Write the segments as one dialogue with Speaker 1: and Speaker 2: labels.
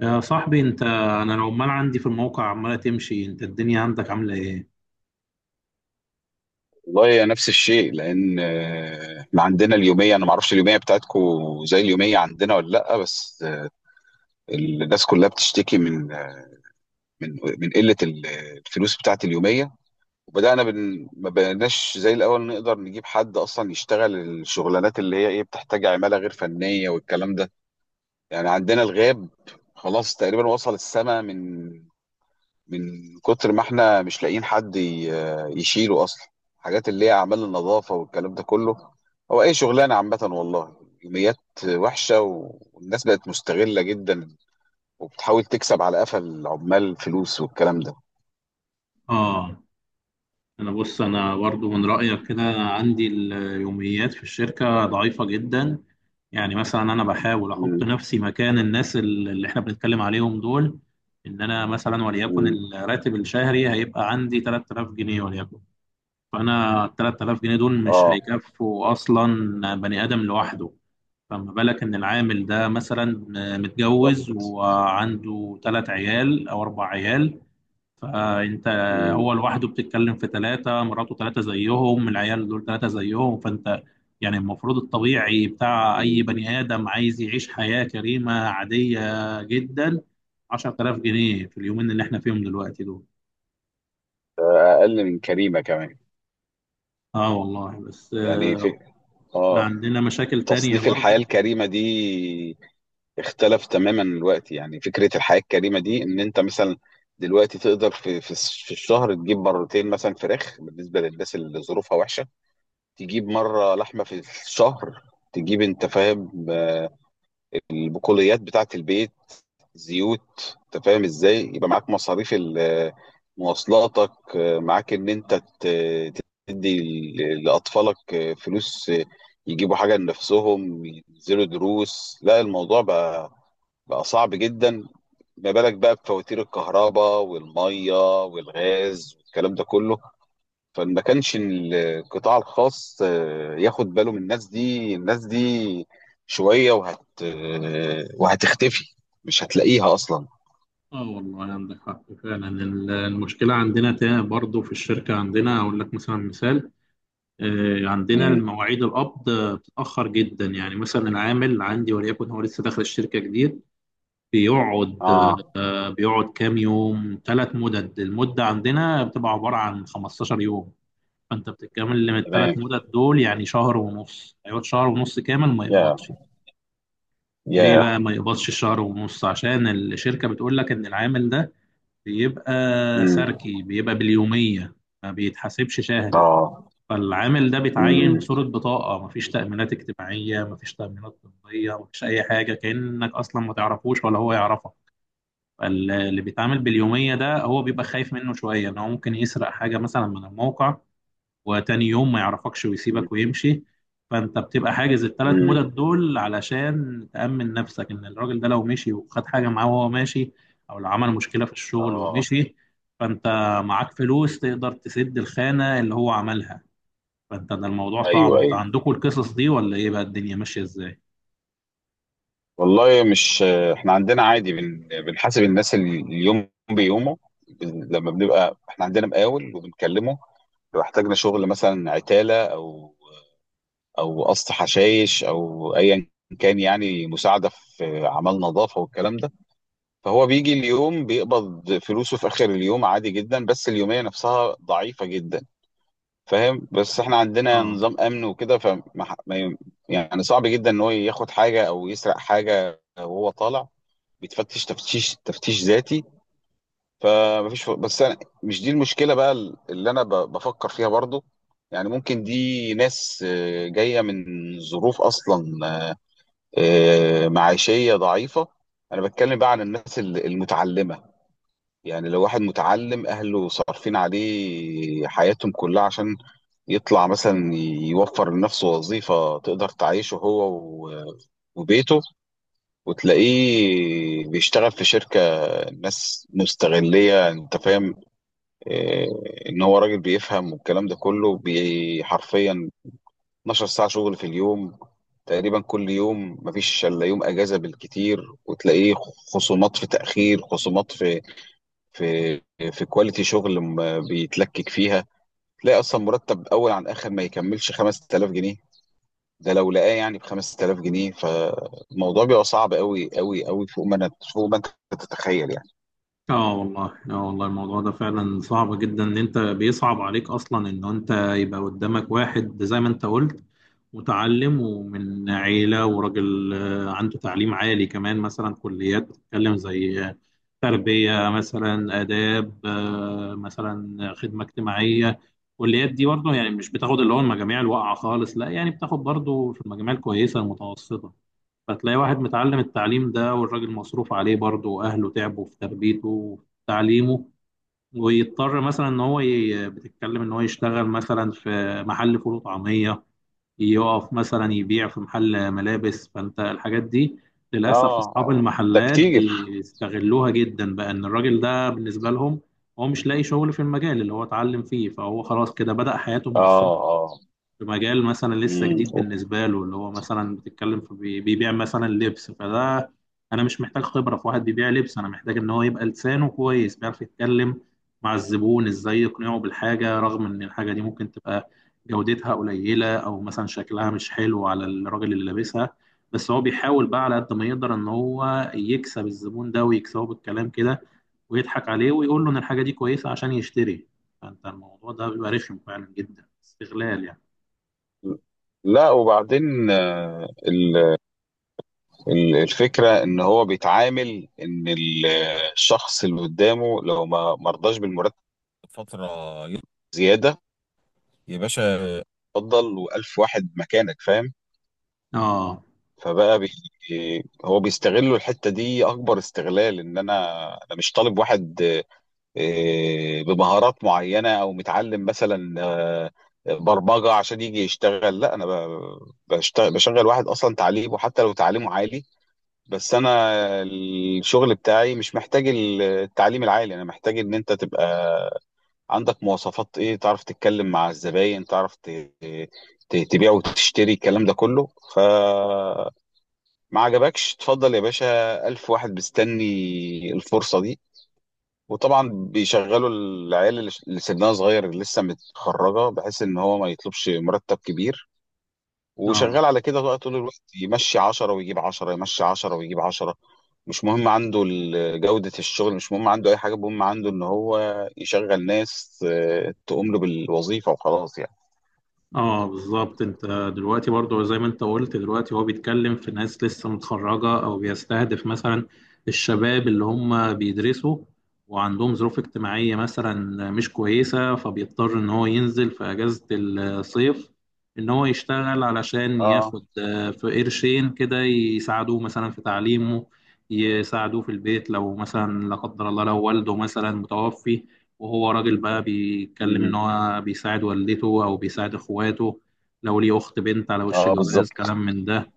Speaker 1: يا صاحبي انت، انا لو عمال عندي في الموقع عمالة تمشي، انت الدنيا عندك عاملة ايه؟
Speaker 2: والله نفس الشيء لان احنا عندنا اليوميه. انا ما اعرفش اليوميه بتاعتكو زي اليوميه عندنا ولا لا، بس الناس كلها بتشتكي من قله الفلوس بتاعت اليوميه. وبدانا ما بقيناش زي الاول نقدر نجيب حد اصلا يشتغل الشغلانات اللي هي ايه، بتحتاج عماله غير فنيه والكلام ده. يعني عندنا الغاب خلاص تقريبا وصل السما، من كتر ما احنا مش لاقيين حد يشيله اصلا. حاجات اللي هي اعمال النظافه والكلام ده كله، هو اي شغلانه عامه والله. يوميات وحشه، والناس بقت مستغله جدا وبتحاول تكسب على قفا العمال فلوس والكلام ده.
Speaker 1: اه، انا بص، انا برضو من رأيك كده. عندي اليوميات في الشركة ضعيفة جدا. يعني مثلا انا بحاول احط
Speaker 2: مم.
Speaker 1: نفسي مكان الناس اللي احنا بنتكلم عليهم دول. انا مثلا وليكن
Speaker 2: مم.
Speaker 1: الراتب الشهري هيبقى عندي 3000 جنيه وليكن. فانا ال 3000 جنيه دول مش
Speaker 2: اه،
Speaker 1: هيكفوا اصلا بني ادم لوحده. فما بالك إن العامل ده مثلا
Speaker 2: بالظبط.
Speaker 1: متجوز وعنده تلات عيال أو أربع عيال، فأنت، هو
Speaker 2: مم.
Speaker 1: لوحده بتتكلم في تلاتة، مراته تلاتة زيهم، العيال دول تلاتة زيهم، فأنت يعني المفروض الطبيعي بتاع أي
Speaker 2: مم.
Speaker 1: بني آدم عايز يعيش حياة كريمة عادية جدا. 10000 جنيه في اليومين اللي احنا فيهم دلوقتي دول.
Speaker 2: ده اقل من كريمه كمان.
Speaker 1: اه والله، بس
Speaker 2: يعني في،
Speaker 1: احنا
Speaker 2: اه،
Speaker 1: عندنا مشاكل تانية
Speaker 2: تصنيف الحياه
Speaker 1: برضه.
Speaker 2: الكريمه دي اختلف تماما الوقت. يعني فكرة الحياة الكريمة دي ان انت مثلا دلوقتي تقدر في الشهر تجيب مرتين مثلا فراخ، بالنسبة للناس اللي ظروفها وحشة، تجيب مرة لحمة في الشهر، تجيب انت فاهم؟ البقوليات بتاعة البيت، زيوت. انت فاهم ازاي يبقى معاك مصاريف مواصلاتك، معاك ان انت ت- تدي لاطفالك فلوس يجيبوا حاجة لنفسهم، ينزلوا دروس. لا الموضوع بقى صعب جدا. ما بالك بقى بفواتير الكهرباء والميه والغاز والكلام ده كله. فما كانش القطاع الخاص ياخد باله من الناس دي. الناس دي شوية وهتختفي، مش هتلاقيها أصلا.
Speaker 1: اه والله عندك حق فعلا. المشكله عندنا تاني برضو في الشركه، عندنا اقول لك مثلا مثال، عندنا
Speaker 2: مم.
Speaker 1: المواعيد القبض بتتاخر جدا. يعني مثلا العامل عندي وليكن هو لسه داخل الشركه جديد، بيقعد،
Speaker 2: اه،
Speaker 1: بيقعد كام يوم، ثلاث مدد. المده عندنا بتبقى عباره عن 15 يوم، فانت بتتكامل من الثلاث
Speaker 2: تمام.
Speaker 1: مدد دول، يعني شهر ونص. هيقعد شهر ونص كامل ما
Speaker 2: يا
Speaker 1: يقبضش. ليه
Speaker 2: يا
Speaker 1: بقى ما يقبضش الشهر ونص؟ عشان الشركه بتقول لك ان العامل ده بيبقى
Speaker 2: مم.
Speaker 1: سركي، بيبقى باليومية، ما بيتحاسبش شهري.
Speaker 2: اه.
Speaker 1: فالعامل ده بيتعين
Speaker 2: مم.
Speaker 1: بصورة بطاقة، مفيش تأمينات اجتماعية، مفيش تأمينات طبية، مفيش أي حاجة، كأنك أصلا ما تعرفوش ولا هو يعرفك. فاللي بيتعامل باليومية ده هو بيبقى خايف منه شوية إن هو ممكن يسرق حاجة مثلا من الموقع، وتاني يوم ما يعرفكش
Speaker 2: مم.
Speaker 1: ويسيبك ويمشي. فانت بتبقى حاجز الثلاث
Speaker 2: مم.
Speaker 1: مدد دول علشان تأمن نفسك، ان الراجل ده لو مشي وخد حاجة معاه وهو ماشي، او لو عمل مشكلة في الشغل
Speaker 2: اه.
Speaker 1: ومشي، فانت معاك فلوس تقدر تسد الخانة اللي هو عملها. فانت ده الموضوع صعب.
Speaker 2: ايوه،
Speaker 1: انت
Speaker 2: ايوه.
Speaker 1: عندكم القصص دي ولا ايه بقى، الدنيا ماشية ازاي؟
Speaker 2: والله مش، احنا عندنا عادي، بنحاسب الناس اليوم بيومه. لما بنبقى احنا عندنا مقاول وبنكلمه لو احتاجنا شغل مثلا عتالة او قص حشايش او ايا كان، يعني مساعدة في اعمال نظافة والكلام ده، فهو بيجي اليوم، بيقبض فلوسه في اخر اليوم عادي جدا. بس اليومية نفسها ضعيفة جدا، فاهم؟ بس احنا عندنا
Speaker 1: اه.
Speaker 2: نظام امن وكده، فما ح- ما ي- يعني صعب جدا ان هو ياخد حاجة او يسرق حاجة وهو طالع، بيتفتش تفتيش ذاتي. فمفيش، بس انا مش دي المشكله بقى اللي انا بفكر فيها برضو. يعني ممكن دي ناس جايه من ظروف اصلا معيشيه ضعيفه. انا بتكلم بقى عن الناس المتعلمه. يعني لو واحد متعلم اهله صارفين عليه حياتهم كلها عشان يطلع مثلا يوفر لنفسه وظيفه تقدر تعيشه هو و- وبيته، وتلاقيه بيشتغل في شركة ناس مستغلية. انت فاهم إيه؟ ان هو راجل بيفهم والكلام ده كله، حرفيا 12 ساعة شغل في اليوم تقريبا كل يوم، مفيش الا يوم اجازة بالكتير، وتلاقيه خصومات في تأخير، خصومات في في كواليتي شغل بيتلكك فيها. تلاقي اصلا مرتب اول عن اخر ما يكملش 5000 جنيه. ده لو لقاه يعني ب 5000 جنيه. فالموضوع بيبقى صعب قوي قوي قوي، فوق ما فوق ما انت تتخيل يعني.
Speaker 1: اه والله الموضوع ده فعلا صعب جدا. ان انت بيصعب عليك اصلا ان انت يبقى قدامك واحد زي ما انت قلت، متعلم ومن عيلة وراجل، عنده تعليم عالي كمان. مثلا كليات بتتكلم زي تربية، مثلا آداب، مثلا خدمة اجتماعية. الكليات دي برضه يعني مش بتاخد اللي هو المجاميع الواقعة خالص، لا، يعني بتاخد برضه في المجاميع الكويسة المتوسطة. فتلاقي واحد متعلم التعليم ده، والراجل مصروف عليه برضه، وأهله تعبوا في تربيته وفي تعليمه، ويضطر مثلا إن هو بتتكلم إن هو يشتغل مثلا في محل فول وطعمية، يقف مثلا يبيع في محل ملابس. فأنت الحاجات دي للأسف
Speaker 2: اه
Speaker 1: أصحاب
Speaker 2: اه، ده
Speaker 1: المحلات
Speaker 2: كتير.
Speaker 1: بيستغلوها جدا بقى، إن الراجل ده بالنسبة لهم هو مش لاقي شغل في المجال اللي هو اتعلم فيه، فهو خلاص كده بدأ حياته
Speaker 2: اه
Speaker 1: من الصفر
Speaker 2: اه.
Speaker 1: في مجال مثلا لسه
Speaker 2: مم.
Speaker 1: جديد بالنسبة له، اللي هو مثلا بتتكلم في بيبيع مثلا لبس. فده أنا مش محتاج خبرة في واحد بيبيع لبس، أنا محتاج إن هو يبقى لسانه كويس، بيعرف يتكلم مع الزبون إزاي يقنعه بالحاجة، رغم إن الحاجة دي ممكن تبقى جودتها قليلة أو مثلا شكلها مش حلو على الراجل اللي لابسها، بس هو بيحاول بقى على قد ما يقدر إن هو يكسب الزبون ده، ويكسبه بالكلام كده ويضحك عليه ويقول له إن الحاجة دي كويسة عشان يشتري. فأنت الموضوع ده بيبقى رخم فعلا جدا، استغلال يعني.
Speaker 2: لا وبعدين الفكرة ان هو بيتعامل ان الشخص اللي قدامه لو ما مرضاش بالمرتب فترة زيادة، يا باشا اتفضل، والف واحد مكانك، فاهم.
Speaker 1: اه
Speaker 2: فبقى هو بيستغلوا الحتة دي أكبر استغلال. إن أنا، مش طالب واحد بمهارات معينة أو متعلم مثلا برمجة عشان يجي يشتغل. لا أنا بشتغل بشغل واحد أصلا تعليمه حتى لو تعليمه عالي، بس أنا الشغل بتاعي مش محتاج التعليم العالي. أنا محتاج إن أنت تبقى عندك مواصفات، إيه، تعرف تتكلم مع الزباين، تعرف تبيع وتشتري الكلام ده كله. ف، ما عجبكش اتفضل يا باشا، ألف واحد مستني الفرصة دي. وطبعا بيشغلوا العيال اللي سنها صغير، اللي لسه متخرجة، بحيث ان هو ما يطلبش مرتب كبير.
Speaker 1: اه
Speaker 2: وشغال على كده بقى طول الوقت، يمشي عشرة ويجيب عشرة، يمشي عشرة ويجيب عشرة. مش مهم عنده جودة الشغل، مش مهم عنده أي حاجة. المهم عنده ان هو يشغل ناس تقوم له بالوظيفة وخلاص يعني.
Speaker 1: اه بالظبط. انت دلوقتي برضو زي ما انت قلت، دلوقتي هو بيتكلم في ناس لسه متخرجة، او بيستهدف مثلا الشباب اللي هم بيدرسوا وعندهم ظروف اجتماعية مثلا مش كويسة، فبيضطر ان هو ينزل في اجازة الصيف، ان هو يشتغل علشان
Speaker 2: اه،
Speaker 1: ياخد في قرشين كده يساعدوه مثلا في تعليمه، يساعدوه في البيت، لو مثلا لا قدر الله لو والده مثلا متوفي وهو راجل بقى، بيتكلم إن
Speaker 2: امم،
Speaker 1: هو بيساعد والدته أو بيساعد إخواته، لو ليه أخت بنت على وش
Speaker 2: اه بالظبط.
Speaker 1: جواز، كلام من ده.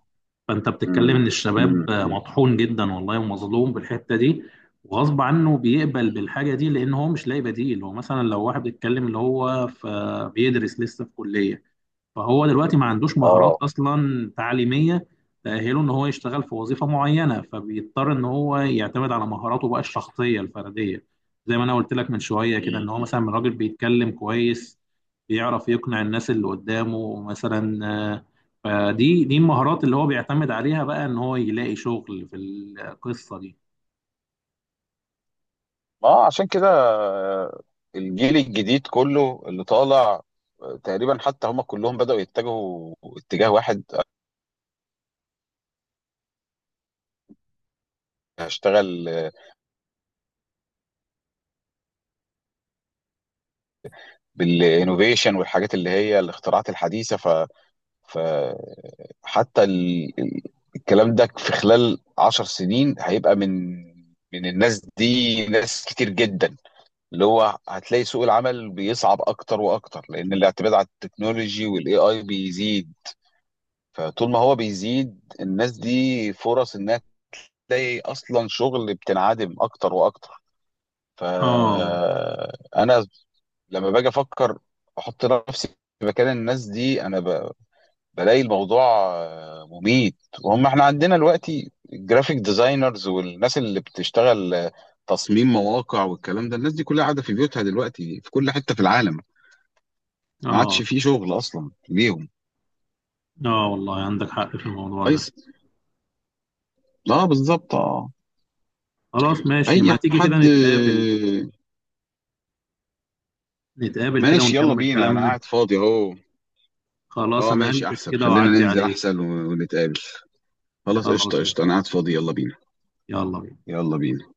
Speaker 1: فأنت بتتكلم
Speaker 2: امم.
Speaker 1: إن
Speaker 2: امم.
Speaker 1: الشباب
Speaker 2: امم.
Speaker 1: مطحون جدا والله ومظلوم بالحتة دي، وغصب عنه بيقبل بالحاجة دي لأن هو مش لاقي بديل. هو مثلا لو واحد بيتكلم اللي هو في بيدرس لسه في كلية، فهو دلوقتي ما عندوش مهارات
Speaker 2: اه.
Speaker 1: اصلا تعليميه تأهله ان هو يشتغل في وظيفه معينه، فبيضطر ان هو يعتمد على مهاراته بقى الشخصيه الفرديه، زي ما انا قلت لك من شويه كده، ان هو مثلا راجل بيتكلم كويس، بيعرف يقنع الناس اللي قدامه مثلا، آه، فدي المهارات اللي هو بيعتمد عليها بقى ان هو يلاقي شغل في القصه دي.
Speaker 2: ما هو عشان كده الجيل الجديد كله اللي طالع تقريبا حتى هم كلهم بدأوا يتجهوا اتجاه واحد. هشتغل بالانوفيشن والحاجات اللي هي الاختراعات الحديثة. ف، فحتى الكلام ده في خلال 10 سنين هيبقى من الناس دي ناس كتير جدا، اللي هو هتلاقي سوق العمل بيصعب اكتر واكتر، لان الاعتماد على التكنولوجي والاي اي بيزيد. فطول ما هو بيزيد، الناس دي فرص انها تلاقي اصلا شغل بتنعدم اكتر واكتر.
Speaker 1: اه
Speaker 2: فانا لما باجي افكر، احط نفسي في مكان الناس دي، انا بلاقي الموضوع مميت. وهم احنا عندنا دلوقتي الجرافيك ديزاينرز والناس اللي بتشتغل تصميم مواقع والكلام ده، الناس دي كلها قاعده في بيوتها دلوقتي في كل حته في العالم. ما
Speaker 1: اه
Speaker 2: عادش في شغل اصلا ليهم.
Speaker 1: اه والله عندك حق في الموضوع ده.
Speaker 2: كويس. اه، بالظبط، اه.
Speaker 1: خلاص ماشي، ما
Speaker 2: اي
Speaker 1: تيجي كده
Speaker 2: حد.
Speaker 1: نتقابل، نتقابل كده
Speaker 2: ماشي، يلا
Speaker 1: ونكمل
Speaker 2: بينا، انا
Speaker 1: كلامنا.
Speaker 2: قاعد فاضي اهو.
Speaker 1: خلاص
Speaker 2: اه
Speaker 1: انا
Speaker 2: ماشي
Speaker 1: هلبس
Speaker 2: احسن،
Speaker 1: كده
Speaker 2: خلينا
Speaker 1: واعدي
Speaker 2: ننزل
Speaker 1: عليه.
Speaker 2: احسن ونتقابل. خلاص، قشطة
Speaker 1: خلاص يا
Speaker 2: قشطة، انا
Speaker 1: صاحبي،
Speaker 2: قاعد فاضي، يلا بينا.
Speaker 1: يلا بينا.
Speaker 2: يلا بينا.